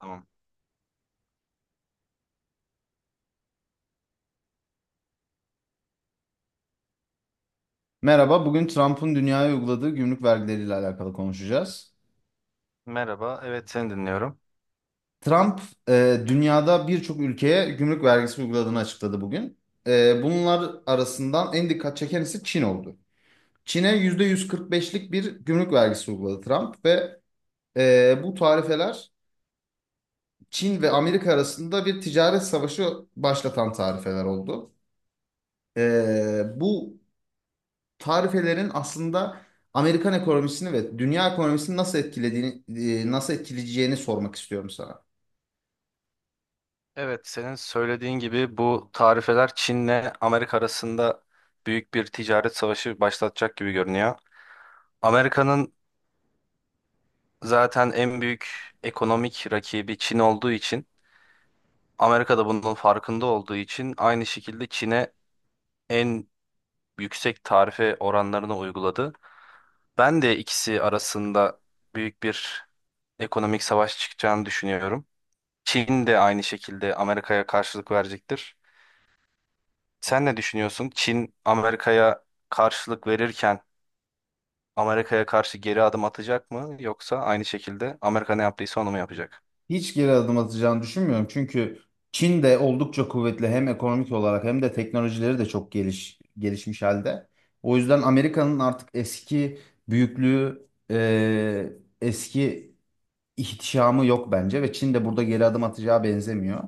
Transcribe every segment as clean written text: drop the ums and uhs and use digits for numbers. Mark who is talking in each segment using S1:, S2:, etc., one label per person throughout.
S1: Tamam.
S2: Merhaba, bugün Trump'ın dünyaya uyguladığı gümrük vergileriyle alakalı konuşacağız.
S1: Merhaba, evet seni dinliyorum.
S2: Trump, dünyada birçok ülkeye gümrük vergisi uyguladığını açıkladı bugün. Bunlar arasından en dikkat çeken ise Çin oldu. Çin'e %145'lik bir gümrük vergisi uyguladı Trump ve bu tarifeler Çin ve Amerika arasında bir ticaret savaşı başlatan tarifeler oldu. Bu tarifelerin aslında Amerikan ekonomisini ve dünya ekonomisini nasıl etkilediğini, nasıl etkileyeceğini sormak istiyorum sana.
S1: Evet, senin söylediğin gibi bu tarifeler Çin'le Amerika arasında büyük bir ticaret savaşı başlatacak gibi görünüyor. Amerika'nın zaten en büyük ekonomik rakibi Çin olduğu için, Amerika da bunun farkında olduğu için aynı şekilde Çin'e en yüksek tarife oranlarını uyguladı. Ben de ikisi arasında büyük bir ekonomik savaş çıkacağını düşünüyorum. Çin de aynı şekilde Amerika'ya karşılık verecektir. Sen ne düşünüyorsun? Çin Amerika'ya karşılık verirken Amerika'ya karşı geri adım atacak mı yoksa aynı şekilde Amerika ne yaptıysa onu mu yapacak?
S2: Hiç geri adım atacağını düşünmüyorum. Çünkü Çin de oldukça kuvvetli, hem ekonomik olarak hem de teknolojileri de çok gelişmiş halde. O yüzden Amerika'nın artık eski büyüklüğü, eski ihtişamı yok bence ve Çin de burada geri adım atacağı benzemiyor.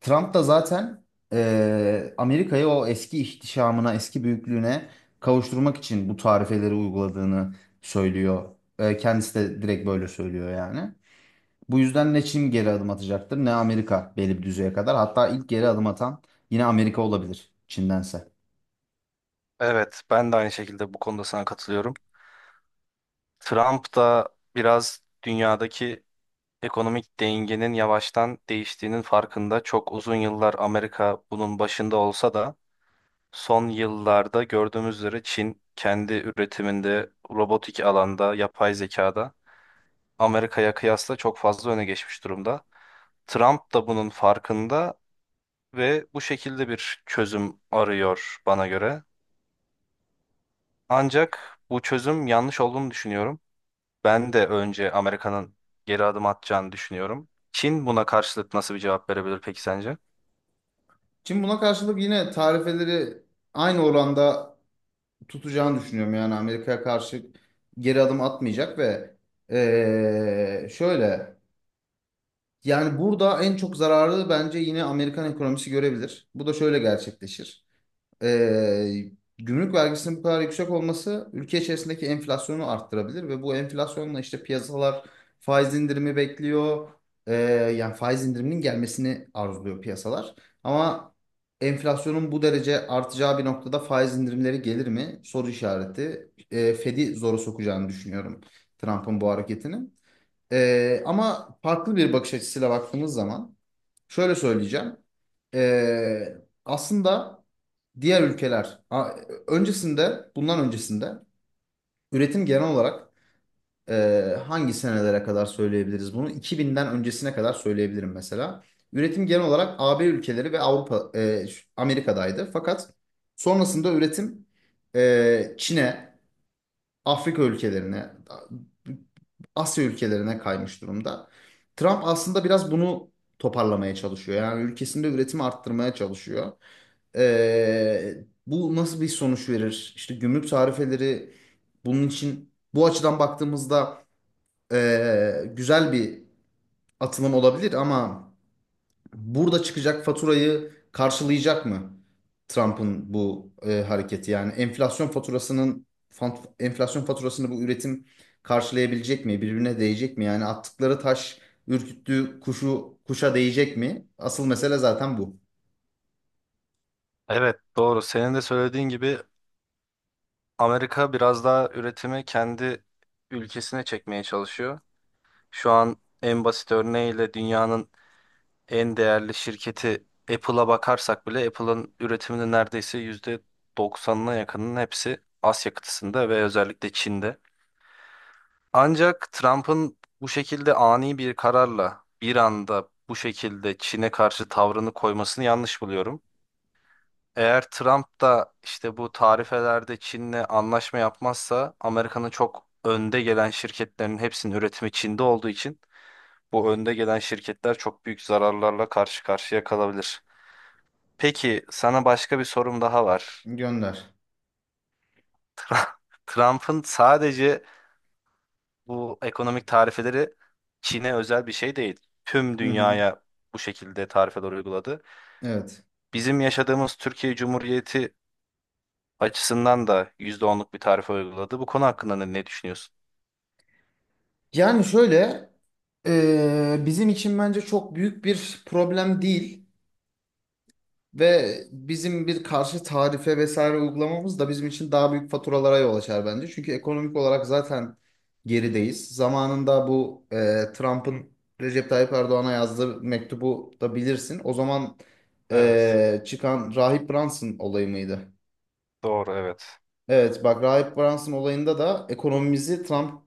S2: Trump da zaten Amerika'yı o eski ihtişamına, eski büyüklüğüne kavuşturmak için bu tarifeleri uyguladığını söylüyor. Kendisi de direkt böyle söylüyor yani. Bu yüzden ne Çin geri adım atacaktır ne Amerika, belli bir düzeye kadar. Hatta ilk geri adım atan yine Amerika olabilir Çin'dense.
S1: Evet, ben de aynı şekilde bu konuda sana katılıyorum. Trump da biraz dünyadaki ekonomik dengenin yavaştan değiştiğinin farkında. Çok uzun yıllar Amerika bunun başında olsa da son yıllarda gördüğümüz üzere Çin kendi üretiminde, robotik alanda, yapay zekada Amerika'ya kıyasla çok fazla öne geçmiş durumda. Trump da bunun farkında ve bu şekilde bir çözüm arıyor bana göre. Ancak bu çözüm yanlış olduğunu düşünüyorum. Ben de önce Amerika'nın geri adım atacağını düşünüyorum. Çin buna karşılık nasıl bir cevap verebilir peki sence?
S2: Çin buna karşılık yine tarifeleri aynı oranda tutacağını düşünüyorum. Yani Amerika'ya karşı geri adım atmayacak ve şöyle... Yani burada en çok zararı bence yine Amerikan ekonomisi görebilir. Bu da şöyle gerçekleşir. Ee, Gümrük vergisinin bu kadar yüksek olması ülke içerisindeki enflasyonu arttırabilir ve bu enflasyonla işte piyasalar faiz indirimi bekliyor. Ee, Yani faiz indiriminin gelmesini arzuluyor piyasalar. Ama enflasyonun bu derece artacağı bir noktada faiz indirimleri gelir mi? Soru işareti. Fed'i zora sokacağını düşünüyorum Trump'ın bu hareketini. Ama farklı bir bakış açısıyla baktığımız zaman şöyle söyleyeceğim. Ee, Aslında diğer ülkeler bundan öncesinde üretim genel olarak, e, hangi senelere kadar söyleyebiliriz bunu? 2000'den öncesine kadar söyleyebilirim mesela. Üretim genel olarak AB ülkeleri ve Avrupa, Amerika'daydı. Fakat sonrasında üretim Çin'e, Afrika ülkelerine, Asya ülkelerine kaymış durumda. Trump aslında biraz bunu toparlamaya çalışıyor. Yani ülkesinde üretimi arttırmaya çalışıyor. Ee, Bu nasıl bir sonuç verir? İşte gümrük tarifeleri, bunun için bu açıdan baktığımızda güzel bir atılım olabilir ama burada çıkacak faturayı karşılayacak mı Trump'ın bu hareketi? Yani enflasyon faturasının enflasyon faturasını bu üretim karşılayabilecek mi? Birbirine değecek mi? Yani attıkları taş ürküttüğü kuşu kuşa değecek mi? Asıl mesele zaten bu.
S1: Evet, doğru. Senin de söylediğin gibi Amerika biraz daha üretimi kendi ülkesine çekmeye çalışıyor. Şu an en basit örneğiyle dünyanın en değerli şirketi Apple'a bakarsak bile Apple'ın üretiminin neredeyse %90'ına yakınının hepsi Asya kıtasında ve özellikle Çin'de. Ancak Trump'ın bu şekilde ani bir kararla bir anda bu şekilde Çin'e karşı tavrını koymasını yanlış buluyorum. Eğer Trump da işte bu tarifelerde Çin'le anlaşma yapmazsa Amerika'nın çok önde gelen şirketlerin hepsinin üretimi Çin'de olduğu için bu önde gelen şirketler çok büyük zararlarla karşı karşıya kalabilir. Peki sana başka bir sorum daha var.
S2: Gönder.
S1: Trump'ın sadece bu ekonomik tarifeleri Çin'e özel bir şey değil. Tüm
S2: Hı hı.
S1: dünyaya bu şekilde tarifeler uyguladı.
S2: Evet.
S1: Bizim yaşadığımız Türkiye Cumhuriyeti açısından da yüzde onluk bir tarife uyguladı. Bu konu hakkında ne, ne düşünüyorsun?
S2: Yani şöyle, bizim için bence çok büyük bir problem değil. Ve bizim bir karşı tarife vesaire uygulamamız da bizim için daha büyük faturalara yol açar bence. Çünkü ekonomik olarak zaten gerideyiz. Zamanında bu, Trump'ın Recep Tayyip Erdoğan'a yazdığı mektubu da bilirsin. O zaman
S1: Evet,
S2: çıkan Rahip Brunson olayı mıydı?
S1: doğru, evet.
S2: Evet, bak, Rahip Brunson olayında da ekonomimizi Trump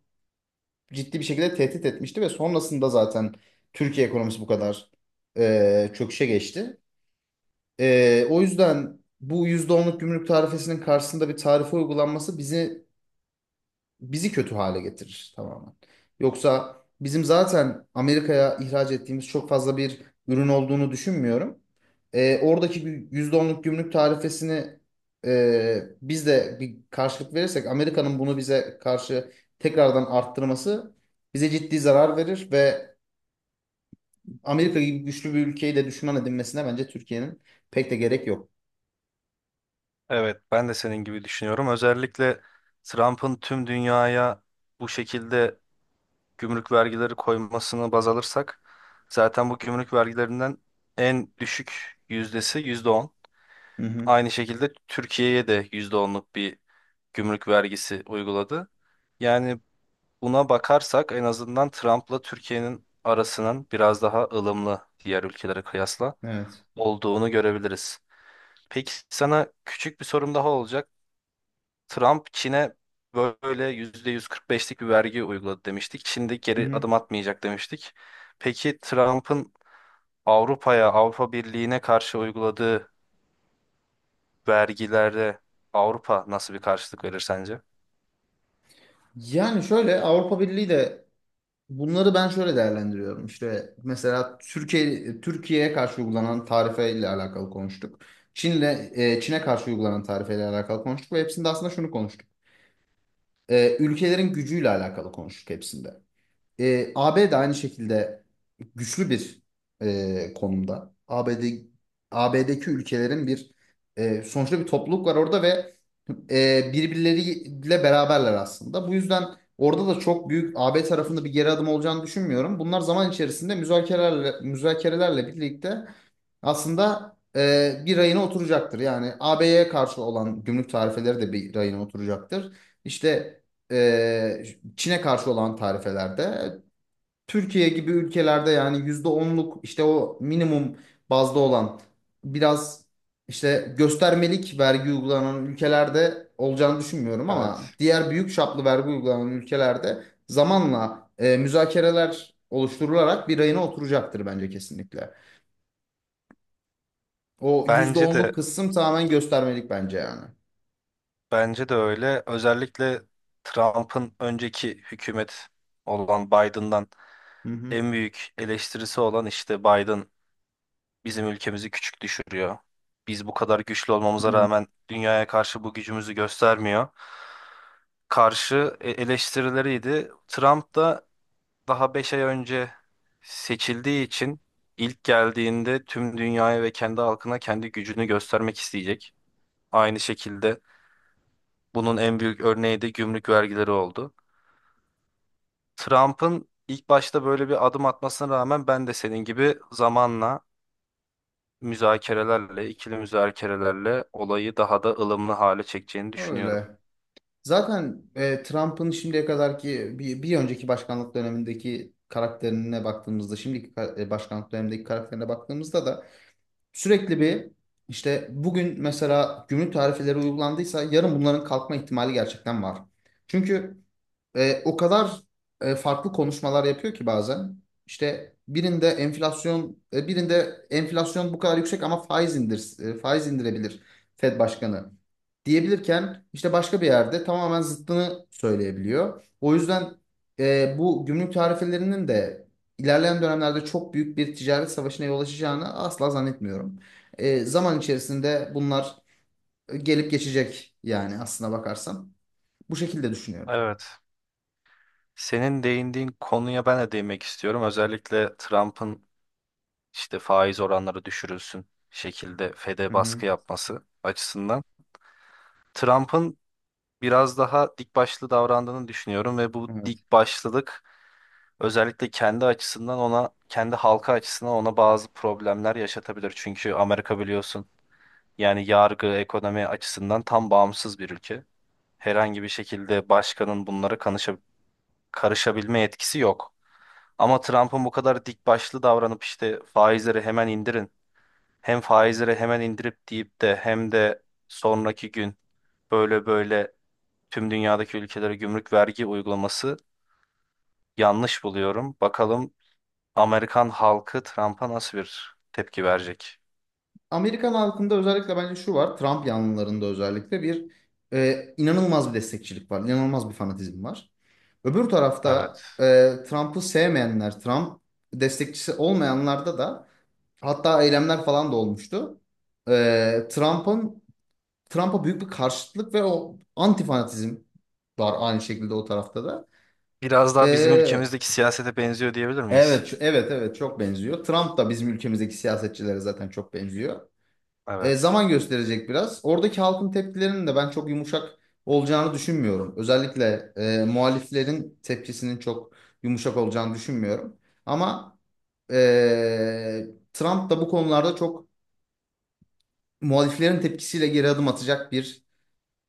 S2: ciddi bir şekilde tehdit etmişti ve sonrasında zaten Türkiye ekonomisi bu kadar çöküşe geçti. O yüzden bu yüzde onluk gümrük tarifesinin karşısında bir tarife uygulanması bizi kötü hale getirir tamamen. Yoksa bizim zaten Amerika'ya ihraç ettiğimiz çok fazla bir ürün olduğunu düşünmüyorum. Oradaki bir %10'luk gümrük tarifesini biz de bir karşılık verirsek, Amerika'nın bunu bize karşı tekrardan arttırması bize ciddi zarar verir ve Amerika gibi güçlü bir ülkeyi de düşman edinmesine bence Türkiye'nin pek de gerek yok.
S1: Evet, ben de senin gibi düşünüyorum. Özellikle Trump'ın tüm dünyaya bu şekilde gümrük vergileri koymasını baz alırsak zaten bu gümrük vergilerinden en düşük yüzdesi %10.
S2: Hı hı.
S1: Aynı şekilde Türkiye'ye de yüzde onluk bir gümrük vergisi uyguladı. Yani buna bakarsak en azından Trump'la Türkiye'nin arasının biraz daha ılımlı diğer ülkelere kıyasla
S2: Evet.
S1: olduğunu görebiliriz. Peki sana küçük bir sorum daha olacak. Trump Çin'e böyle %145'lik bir vergi uyguladı demiştik. Çin de
S2: Hı
S1: geri
S2: hı.
S1: adım atmayacak demiştik. Peki Trump'ın Avrupa'ya, Avrupa Birliği'ne karşı uyguladığı vergilerde Avrupa nasıl bir karşılık verir sence?
S2: Yani şöyle, Avrupa Birliği de, bunları ben şöyle değerlendiriyorum. İşte mesela Türkiye'ye karşı uygulanan tarifeyle alakalı konuştuk. Çin'le Çin'e karşı uygulanan tarifeyle alakalı konuştuk ve hepsinde aslında şunu konuştuk. Ülkelerin gücüyle alakalı konuştuk hepsinde. AB de aynı şekilde güçlü bir konumda. ABD, AB'deki ülkelerin sonuçta bir topluluk var orada ve birbirleriyle beraberler aslında. Bu yüzden orada da çok büyük AB tarafında bir geri adım olacağını düşünmüyorum. Bunlar zaman içerisinde müzakerelerle birlikte, aslında, bir rayına oturacaktır. Yani AB'ye karşı olan gümrük tarifeleri de bir rayına oturacaktır. İşte e, Çin'e karşı olan tarifelerde, Türkiye gibi ülkelerde, yani %10'luk işte o minimum bazda olan biraz işte göstermelik vergi uygulanan ülkelerde olacağını düşünmüyorum ama
S1: Evet.
S2: diğer büyük çaplı vergi uygulanan ülkelerde zamanla müzakereler oluşturularak bir rayına oturacaktır bence kesinlikle. O yüzde
S1: Bence de
S2: onluk kısım tamamen göstermelik bence yani.
S1: bence de öyle. Özellikle Trump'ın önceki hükümet olan Biden'dan
S2: Hı hı.
S1: en büyük eleştirisi olan işte Biden bizim ülkemizi küçük düşürüyor. Biz bu kadar güçlü
S2: Hı
S1: olmamıza
S2: hı.
S1: rağmen dünyaya karşı bu gücümüzü göstermiyor. Karşı eleştirileriydi. Trump da daha 5 ay önce seçildiği için ilk geldiğinde tüm dünyaya ve kendi halkına kendi gücünü göstermek isteyecek. Aynı şekilde bunun en büyük örneği de gümrük vergileri oldu. Trump'ın ilk başta böyle bir adım atmasına rağmen ben de senin gibi zamanla müzakerelerle, ikili müzakerelerle olayı daha da ılımlı hale çekeceğini düşünüyorum.
S2: Öyle. Zaten Trump'ın şimdiye kadarki bir önceki başkanlık dönemindeki karakterine baktığımızda, şimdiki başkanlık dönemindeki karakterine baktığımızda da sürekli bir, işte bugün mesela gümrük tarifeleri uygulandıysa yarın bunların kalkma ihtimali gerçekten var. Çünkü o kadar farklı konuşmalar yapıyor ki bazen. İşte birinde enflasyon bu kadar yüksek ama faiz indirebilir Fed Başkanı diyebilirken, işte başka bir yerde tamamen zıttını söyleyebiliyor. O yüzden bu gümrük tarifelerinin de ilerleyen dönemlerde çok büyük bir ticaret savaşına yol açacağını asla zannetmiyorum. Zaman içerisinde bunlar gelip geçecek yani, aslına bakarsan. Bu şekilde düşünüyorum.
S1: Evet. Senin değindiğin konuya ben de değinmek istiyorum. Özellikle Trump'ın işte faiz oranları düşürülsün şekilde
S2: Hı
S1: FED'e baskı
S2: hı.
S1: yapması açısından. Trump'ın biraz daha dik başlı davrandığını düşünüyorum ve bu
S2: Evet.
S1: dik başlılık özellikle kendi açısından ona, kendi halka açısından ona bazı problemler yaşatabilir. Çünkü Amerika biliyorsun. Yani yargı, ekonomi açısından tam bağımsız bir ülke. Herhangi bir şekilde başkanın bunlara karışabilme yetkisi yok. Ama Trump'ın bu kadar dik başlı davranıp işte faizleri hemen indirin, hem faizleri hemen indirip deyip de hem de sonraki gün böyle böyle tüm dünyadaki ülkelere gümrük vergi uygulaması yanlış buluyorum. Bakalım Amerikan halkı Trump'a nasıl bir tepki verecek?
S2: Amerikan halkında özellikle bence şu var: Trump yanlılarında özellikle inanılmaz bir destekçilik var. İnanılmaz bir fanatizm var. Öbür tarafta
S1: Evet.
S2: Trump'ı sevmeyenler, Trump destekçisi olmayanlarda da hatta eylemler falan da olmuştu. E, Trump'ın Trump'a büyük bir karşıtlık ve o anti fanatizm var, aynı şekilde o tarafta da.
S1: Biraz daha bizim
S2: E,
S1: ülkemizdeki siyasete benziyor diyebilir miyiz?
S2: evet, evet, evet, çok benziyor. Trump da bizim ülkemizdeki siyasetçilere zaten çok benziyor.
S1: Evet.
S2: Zaman gösterecek biraz. Oradaki halkın tepkilerinin de ben çok yumuşak olacağını düşünmüyorum. Özellikle muhaliflerin tepkisinin çok yumuşak olacağını düşünmüyorum. Ama e, Trump da bu konularda çok, muhaliflerin tepkisiyle geri adım atacak bir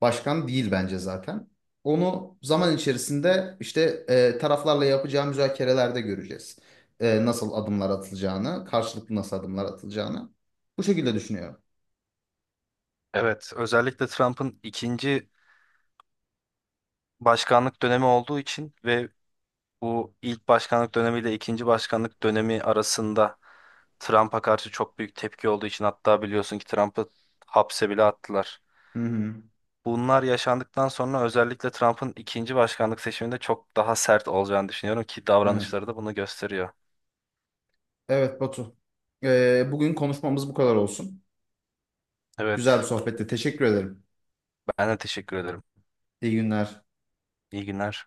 S2: başkan değil bence zaten. Onu zaman içerisinde işte taraflarla yapacağı müzakerelerde göreceğiz. Nasıl adımlar atılacağını, karşılıklı nasıl adımlar atılacağını. Bu şekilde düşünüyorum.
S1: Evet, özellikle Trump'ın ikinci başkanlık dönemi olduğu için ve bu ilk başkanlık dönemiyle ikinci başkanlık dönemi arasında Trump'a karşı çok büyük tepki olduğu için hatta biliyorsun ki Trump'ı hapse bile attılar.
S2: Hı hı.
S1: Bunlar yaşandıktan sonra özellikle Trump'ın ikinci başkanlık seçiminde çok daha sert olacağını düşünüyorum ki
S2: Evet.
S1: davranışları da bunu gösteriyor.
S2: Evet Batu. Bugün konuşmamız bu kadar olsun. Güzel bir
S1: Evet,
S2: sohbette. Teşekkür ederim.
S1: ben de teşekkür ederim.
S2: İyi günler.
S1: İyi günler.